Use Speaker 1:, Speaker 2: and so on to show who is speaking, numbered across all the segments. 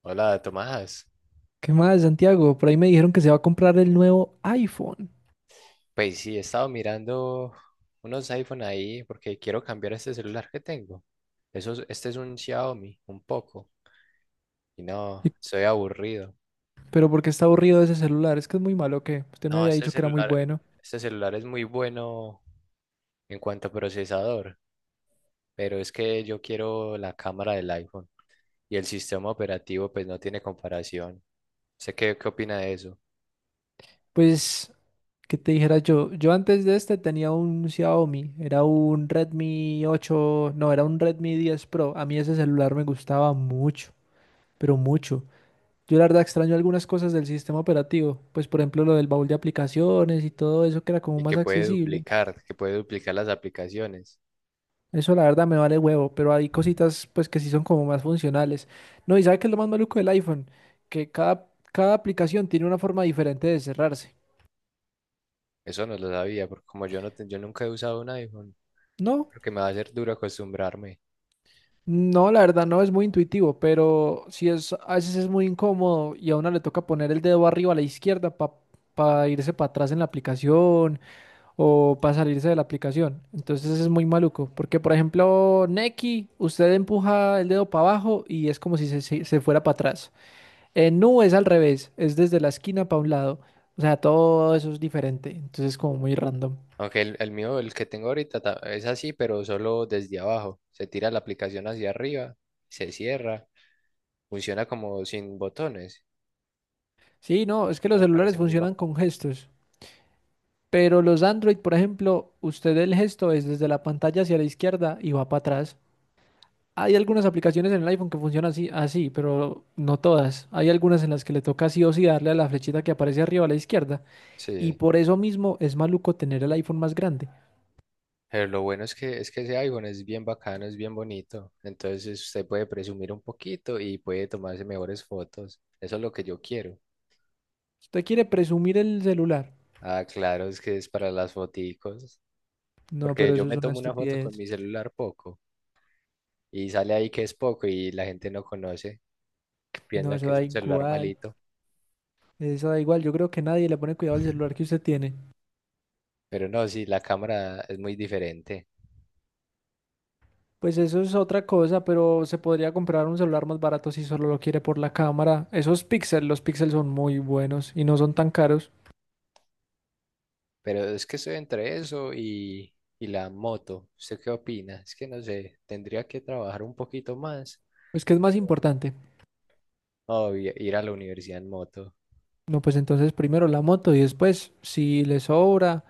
Speaker 1: Hola Tomás,
Speaker 2: ¿Qué más, Santiago? Por ahí me dijeron que se va a comprar el nuevo iPhone.
Speaker 1: pues sí, he estado mirando unos iPhone ahí porque quiero cambiar este celular que tengo. Eso, este es un Xiaomi, un poco. Y no,
Speaker 2: Y-
Speaker 1: soy aburrido.
Speaker 2: Pero ¿por qué está aburrido ese celular? Es que es muy malo, que usted me
Speaker 1: No,
Speaker 2: había
Speaker 1: este
Speaker 2: dicho que era muy
Speaker 1: celular,
Speaker 2: bueno.
Speaker 1: este celular es muy bueno en cuanto a procesador, pero es que yo quiero la cámara del iPhone, y el sistema operativo pues no tiene comparación. ¿Sé qué opina de eso?
Speaker 2: Pues, ¿qué te dijera yo? Yo antes de este tenía un Xiaomi, era un Redmi 8. No, era un Redmi 10 Pro. A mí ese celular me gustaba mucho, pero mucho. Yo la verdad extraño algunas cosas del sistema operativo, pues por ejemplo lo del baúl de aplicaciones y todo eso que era como
Speaker 1: Y
Speaker 2: más
Speaker 1: que puede
Speaker 2: accesible.
Speaker 1: duplicar, que puede duplicar las aplicaciones.
Speaker 2: Eso la verdad me vale huevo, pero hay cositas pues que sí son como más funcionales. No, ¿y sabe qué es lo más maluco del iPhone? Que cada aplicación tiene una forma diferente de cerrarse.
Speaker 1: Eso no lo sabía, porque como yo no te- yo nunca he usado un iPhone.
Speaker 2: No,
Speaker 1: Creo que me va a ser duro acostumbrarme.
Speaker 2: no, la verdad no es muy intuitivo, pero sí es, a veces es muy incómodo y a uno le toca poner el dedo arriba a la izquierda para irse para atrás en la aplicación o para salirse de la aplicación. Entonces es muy maluco, porque por ejemplo, Nequi, usted empuja el dedo para abajo y es como si se fuera para atrás. No, es al revés, es desde la esquina para un lado. O sea, todo eso es diferente, entonces es como muy random.
Speaker 1: Aunque el mío, el que tengo ahorita, es así, pero solo desde abajo. Se tira la aplicación hacia arriba, se cierra, funciona como sin botones.
Speaker 2: Sí, no, es que
Speaker 1: Eso
Speaker 2: los
Speaker 1: me
Speaker 2: celulares
Speaker 1: parece muy
Speaker 2: funcionan
Speaker 1: bacano.
Speaker 2: con gestos, pero los Android, por ejemplo, usted el gesto es desde la pantalla hacia la izquierda y va para atrás. Hay algunas aplicaciones en el iPhone que funcionan así, así, pero no todas. Hay algunas en las que le toca sí o sí darle a la flechita que aparece arriba a la izquierda, y
Speaker 1: Sí,
Speaker 2: por eso mismo es maluco tener el iPhone más grande.
Speaker 1: pero lo bueno es que ese iPhone es bien bacano, es bien bonito. Entonces usted puede presumir un poquito y puede tomarse mejores fotos. Eso es lo que yo quiero.
Speaker 2: ¿Usted quiere presumir el celular?
Speaker 1: Ah, claro, es que es para las foticos.
Speaker 2: No,
Speaker 1: Porque
Speaker 2: pero
Speaker 1: yo
Speaker 2: eso es
Speaker 1: me
Speaker 2: una
Speaker 1: tomo una foto con
Speaker 2: estupidez.
Speaker 1: mi celular poco, y sale ahí que es poco y la gente no conoce,
Speaker 2: No,
Speaker 1: piensan
Speaker 2: eso
Speaker 1: que es
Speaker 2: da
Speaker 1: un celular
Speaker 2: igual.
Speaker 1: malito.
Speaker 2: Eso da igual, yo creo que nadie le pone cuidado al celular que usted tiene.
Speaker 1: Pero no, sí, la cámara es muy diferente.
Speaker 2: Pues eso es otra cosa, pero se podría comprar un celular más barato si solo lo quiere por la cámara. Esos píxeles, los píxeles son muy buenos y no son tan caros.
Speaker 1: Pero es que estoy entre eso y la moto. ¿Usted qué opina? Es que no sé, tendría que trabajar un poquito más.
Speaker 2: Pues, ¿qué es más
Speaker 1: Pero
Speaker 2: importante?
Speaker 1: no, ir a la universidad en moto.
Speaker 2: No, pues entonces primero la moto y después, si le sobra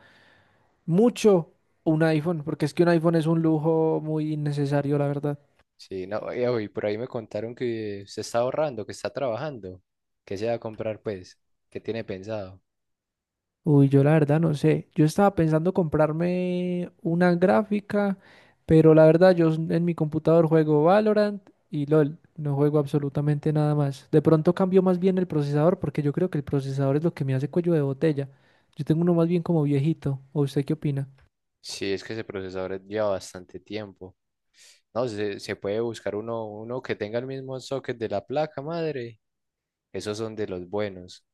Speaker 2: mucho, un iPhone, porque es que un iPhone es un lujo muy innecesario, la verdad.
Speaker 1: Sí, no, y uy, por ahí me contaron que se está ahorrando, que está trabajando. ¿Qué se va a comprar, pues? ¿Qué tiene pensado?
Speaker 2: Uy, yo la verdad no sé. Yo estaba pensando comprarme una gráfica, pero la verdad yo en mi computador juego Valorant y LOL. No juego absolutamente nada más. De pronto cambio más bien el procesador porque yo creo que el procesador es lo que me hace cuello de botella. Yo tengo uno más bien como viejito. ¿O usted qué opina?
Speaker 1: Sí, es que ese procesador lleva bastante tiempo. No, se puede buscar uno que tenga el mismo socket de la placa madre. Esos son de los buenos.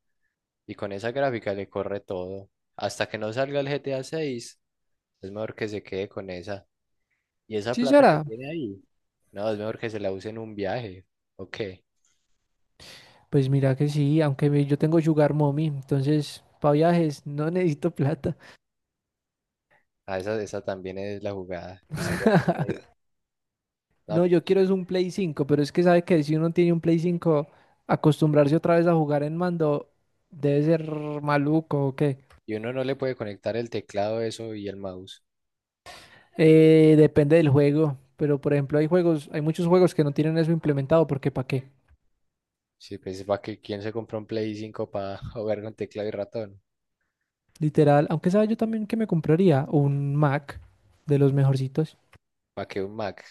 Speaker 1: Y con esa gráfica le corre todo. Hasta que no salga el GTA 6, es mejor que se quede con esa. Y esa
Speaker 2: Sí,
Speaker 1: plata que
Speaker 2: será.
Speaker 1: tiene ahí, no, es mejor que se la use en un viaje. Ok.
Speaker 2: Pues mira que sí, aunque yo tengo Sugar Mommy, entonces para viajes no necesito plata.
Speaker 1: Ah, esa también es la jugada que usted ya tiene ahí. No,
Speaker 2: No,
Speaker 1: pero
Speaker 2: yo
Speaker 1: sí.
Speaker 2: quiero es un Play 5, pero es que sabe que si uno tiene un Play 5 acostumbrarse otra vez a jugar en mando debe ser maluco o qué.
Speaker 1: Y uno no le puede conectar el teclado, eso y el mouse.
Speaker 2: Depende del juego, pero por ejemplo hay juegos, hay muchos juegos que no tienen eso implementado porque ¿para qué?
Speaker 1: Sí, pues para que quién se compró un Play 5 para jugar con teclado y ratón.
Speaker 2: Literal, aunque sabe yo también que me compraría un Mac de los mejorcitos.
Speaker 1: Para que un Mac.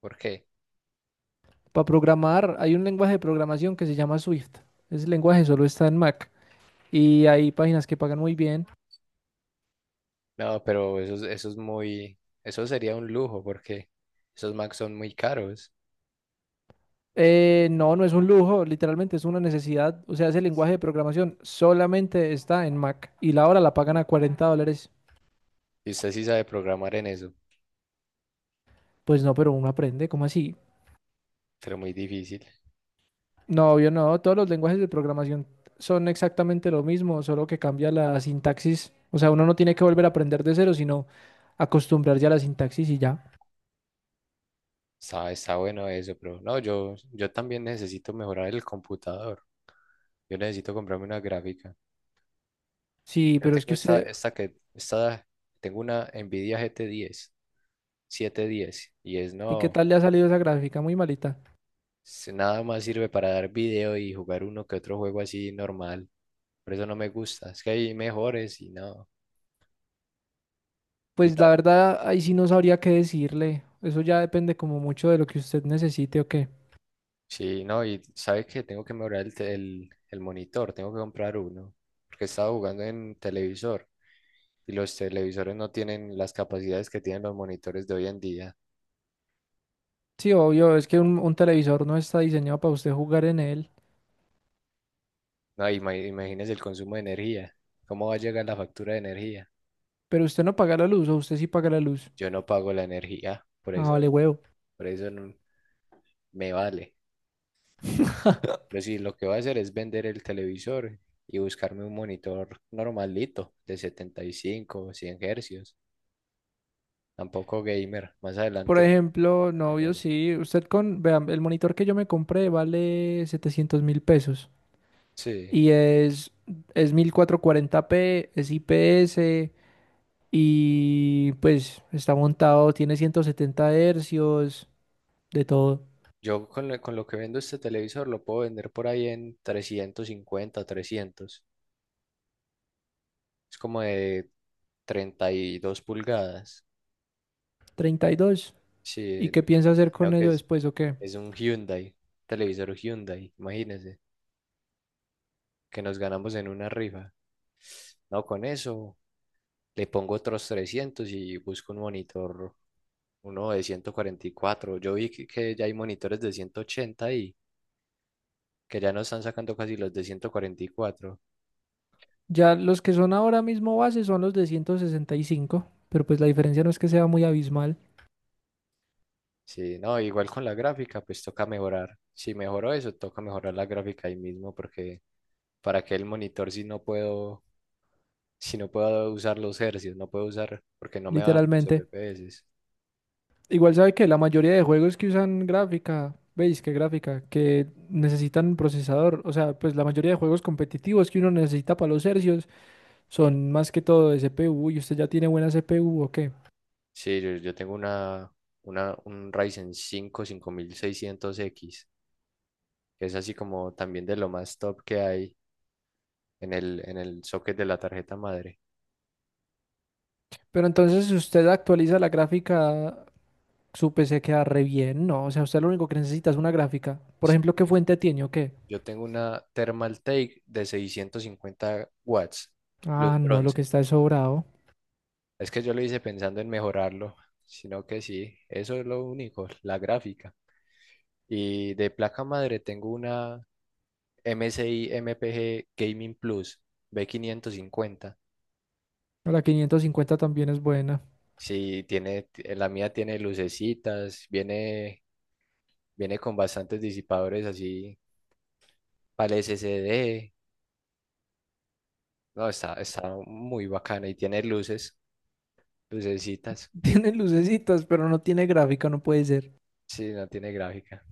Speaker 1: ¿Por qué?
Speaker 2: Para programar hay un lenguaje de programación que se llama Swift. Ese lenguaje solo está en Mac y hay páginas que pagan muy bien.
Speaker 1: No, pero eso, eso sería un lujo porque esos Macs son muy caros.
Speaker 2: No, no es un lujo, literalmente es una necesidad. O sea, ese lenguaje de programación solamente está en Mac y la hora la pagan a $40.
Speaker 1: Y usted sí sabe programar en eso,
Speaker 2: Pues no, pero uno aprende, ¿cómo así?
Speaker 1: pero muy difícil.
Speaker 2: No, obvio no, todos los lenguajes de programación son exactamente lo mismo, solo que cambia la sintaxis. O sea, uno no tiene que volver a aprender de cero, sino acostumbrarse a la sintaxis y ya.
Speaker 1: Está bueno eso, pero no, yo también necesito mejorar el computador. Yo necesito comprarme una gráfica.
Speaker 2: Sí,
Speaker 1: Yo
Speaker 2: pero es
Speaker 1: tengo
Speaker 2: que
Speaker 1: esta,
Speaker 2: usted,
Speaker 1: esta que, esta, tengo una Nvidia GT10, 710, y es
Speaker 2: ¿y qué
Speaker 1: no,
Speaker 2: tal le ha salido esa gráfica? Muy malita.
Speaker 1: es- nada más sirve para dar video y jugar uno que otro juego así normal. Por eso no me gusta. Es que hay mejores y no.
Speaker 2: Pues la verdad, ahí sí no sabría qué decirle. Eso ya depende como mucho de lo que usted necesite o qué.
Speaker 1: Sí, no, y sabes que tengo que mejorar el monitor, tengo que comprar uno, porque estaba jugando en televisor, y los televisores no tienen las capacidades que tienen los monitores de hoy en día.
Speaker 2: Sí, obvio, es que un televisor no está diseñado para usted jugar en él,
Speaker 1: No, imagínese el consumo de energía. ¿Cómo va a llegar la factura de energía?
Speaker 2: pero usted no paga la luz o usted sí paga la luz.
Speaker 1: Yo no pago la energía, por
Speaker 2: Ah,
Speaker 1: eso,
Speaker 2: vale, huevo.
Speaker 1: por eso no- me vale. Pero sí, lo que voy a hacer es vender el televisor y buscarme un monitor normalito de 75 o 100 hercios, tampoco gamer, más
Speaker 2: Por
Speaker 1: adelante
Speaker 2: ejemplo, no,
Speaker 1: mejor.
Speaker 2: obvio, sí, usted con, vean, el monitor que yo me compré vale 700.000 pesos
Speaker 1: Sí,
Speaker 2: y es 1440 p, es IPS y pues está montado, tiene 170 hercios, de todo,
Speaker 1: yo con lo que vendo este televisor lo puedo vender por ahí en 350, 300. Es como de 32 pulgadas.
Speaker 2: 32. ¿Y
Speaker 1: Sí,
Speaker 2: qué piensa hacer
Speaker 1: sino
Speaker 2: con
Speaker 1: que
Speaker 2: ello
Speaker 1: es,
Speaker 2: después o qué?
Speaker 1: es un Hyundai, televisor Hyundai, imagínese, que nos ganamos en una rifa. No, con eso le pongo otros 300 y busco un monitor, uno de 144. Yo vi que ya hay monitores de 180, y que ya no están sacando casi los de 144.
Speaker 2: Ya los que son ahora mismo base son los de 165, pero pues la diferencia no es que sea muy abismal,
Speaker 1: Sí, no, igual con la gráfica, pues toca mejorar. Si mejoro eso, toca mejorar la gráfica ahí mismo, porque para que el monitor si no puedo usar los hercios, no puedo usar, porque no me dan los
Speaker 2: literalmente.
Speaker 1: FPS.
Speaker 2: Igual sabe que la mayoría de juegos que usan gráfica, ¿veis qué gráfica? Que necesitan procesador, o sea, pues la mayoría de juegos competitivos que uno necesita para los hercios son más que todo de CPU y usted ya tiene buena CPU o qué.
Speaker 1: Sí, yo tengo un Ryzen 5 5600X, que es así como también de lo más top que hay en el socket de la tarjeta madre.
Speaker 2: Pero entonces si usted actualiza la gráfica, su PC queda re bien, ¿no? O sea, usted lo único que necesita es una gráfica. Por
Speaker 1: Sí,
Speaker 2: ejemplo, ¿qué fuente tiene o qué?
Speaker 1: yo tengo una Thermaltake de 650 W watts,
Speaker 2: Ah,
Speaker 1: luz
Speaker 2: no, lo que
Speaker 1: bronce.
Speaker 2: está es sobrado.
Speaker 1: Es que yo lo hice pensando en mejorarlo, sino que sí, eso es lo único, la gráfica. Y de placa madre tengo una MSI MPG Gaming Plus B550.
Speaker 2: No, la 550 también es buena.
Speaker 1: Sí, tiene, la mía tiene lucecitas, viene con bastantes disipadores así para el SSD. No, está muy bacana y tiene luces, lucecitas.
Speaker 2: Tiene lucecitas, pero no tiene gráfica, no puede ser.
Speaker 1: Sí, no tiene gráfica.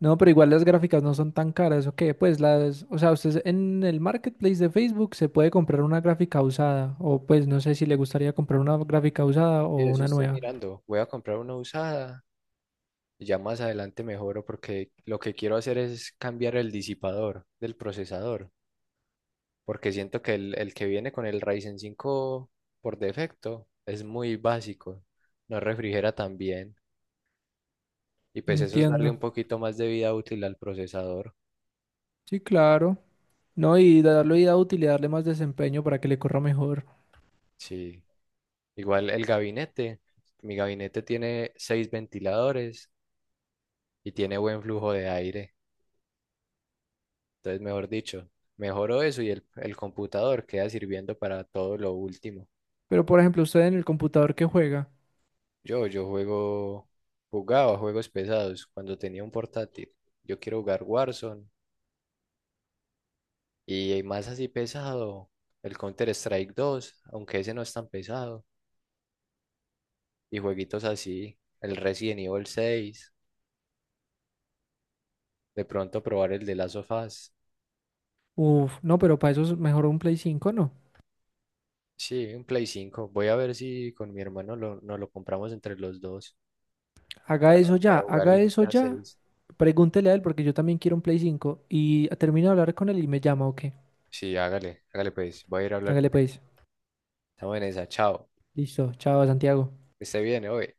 Speaker 2: No, pero igual las gráficas no son tan caras, ¿o qué? Pues las, o sea, usted en el marketplace de Facebook se puede comprar una gráfica usada, o pues no sé si le gustaría comprar una gráfica usada
Speaker 1: Y
Speaker 2: o
Speaker 1: de eso
Speaker 2: una
Speaker 1: estoy
Speaker 2: nueva.
Speaker 1: mirando. Voy a comprar una usada. Ya más adelante mejoro, porque lo que quiero hacer es cambiar el disipador del procesador, porque siento que el que viene con el Ryzen 5 por defecto es muy básico, no refrigera tan bien, y pues eso es darle
Speaker 2: Entiendo.
Speaker 1: un poquito más de vida útil al procesador.
Speaker 2: Sí, claro. No, y darle vida útil y darle más desempeño para que le corra mejor.
Speaker 1: Sí, igual el gabinete, mi gabinete tiene seis ventiladores y tiene buen flujo de aire, entonces mejor dicho, mejoro eso y el computador queda sirviendo para todo lo último.
Speaker 2: Pero por ejemplo, usted en el computador que juega.
Speaker 1: Yo jugaba juegos pesados cuando tenía un portátil. Yo quiero jugar Warzone y más así pesado, el Counter-Strike 2, aunque ese no es tan pesado. Y jueguitos así, el Resident Evil 6, de pronto probar el de Last of Us.
Speaker 2: Uf, no, pero para eso es mejor un Play 5, ¿no?
Speaker 1: Sí, un Play 5. Voy a ver si con mi hermano nos lo compramos entre los dos
Speaker 2: Haga eso ya,
Speaker 1: para jugar el
Speaker 2: haga eso
Speaker 1: GTA
Speaker 2: ya.
Speaker 1: 6.
Speaker 2: Pregúntele a él porque yo también quiero un Play 5 y termino de hablar con él y me llama, ¿o qué?
Speaker 1: Sí, hágale, hágale pues. Voy a ir a hablar
Speaker 2: Hágale
Speaker 1: con él.
Speaker 2: pues.
Speaker 1: Estamos en esa, chao.
Speaker 2: Listo. Chao, Santiago.
Speaker 1: Que esté bien, hoy.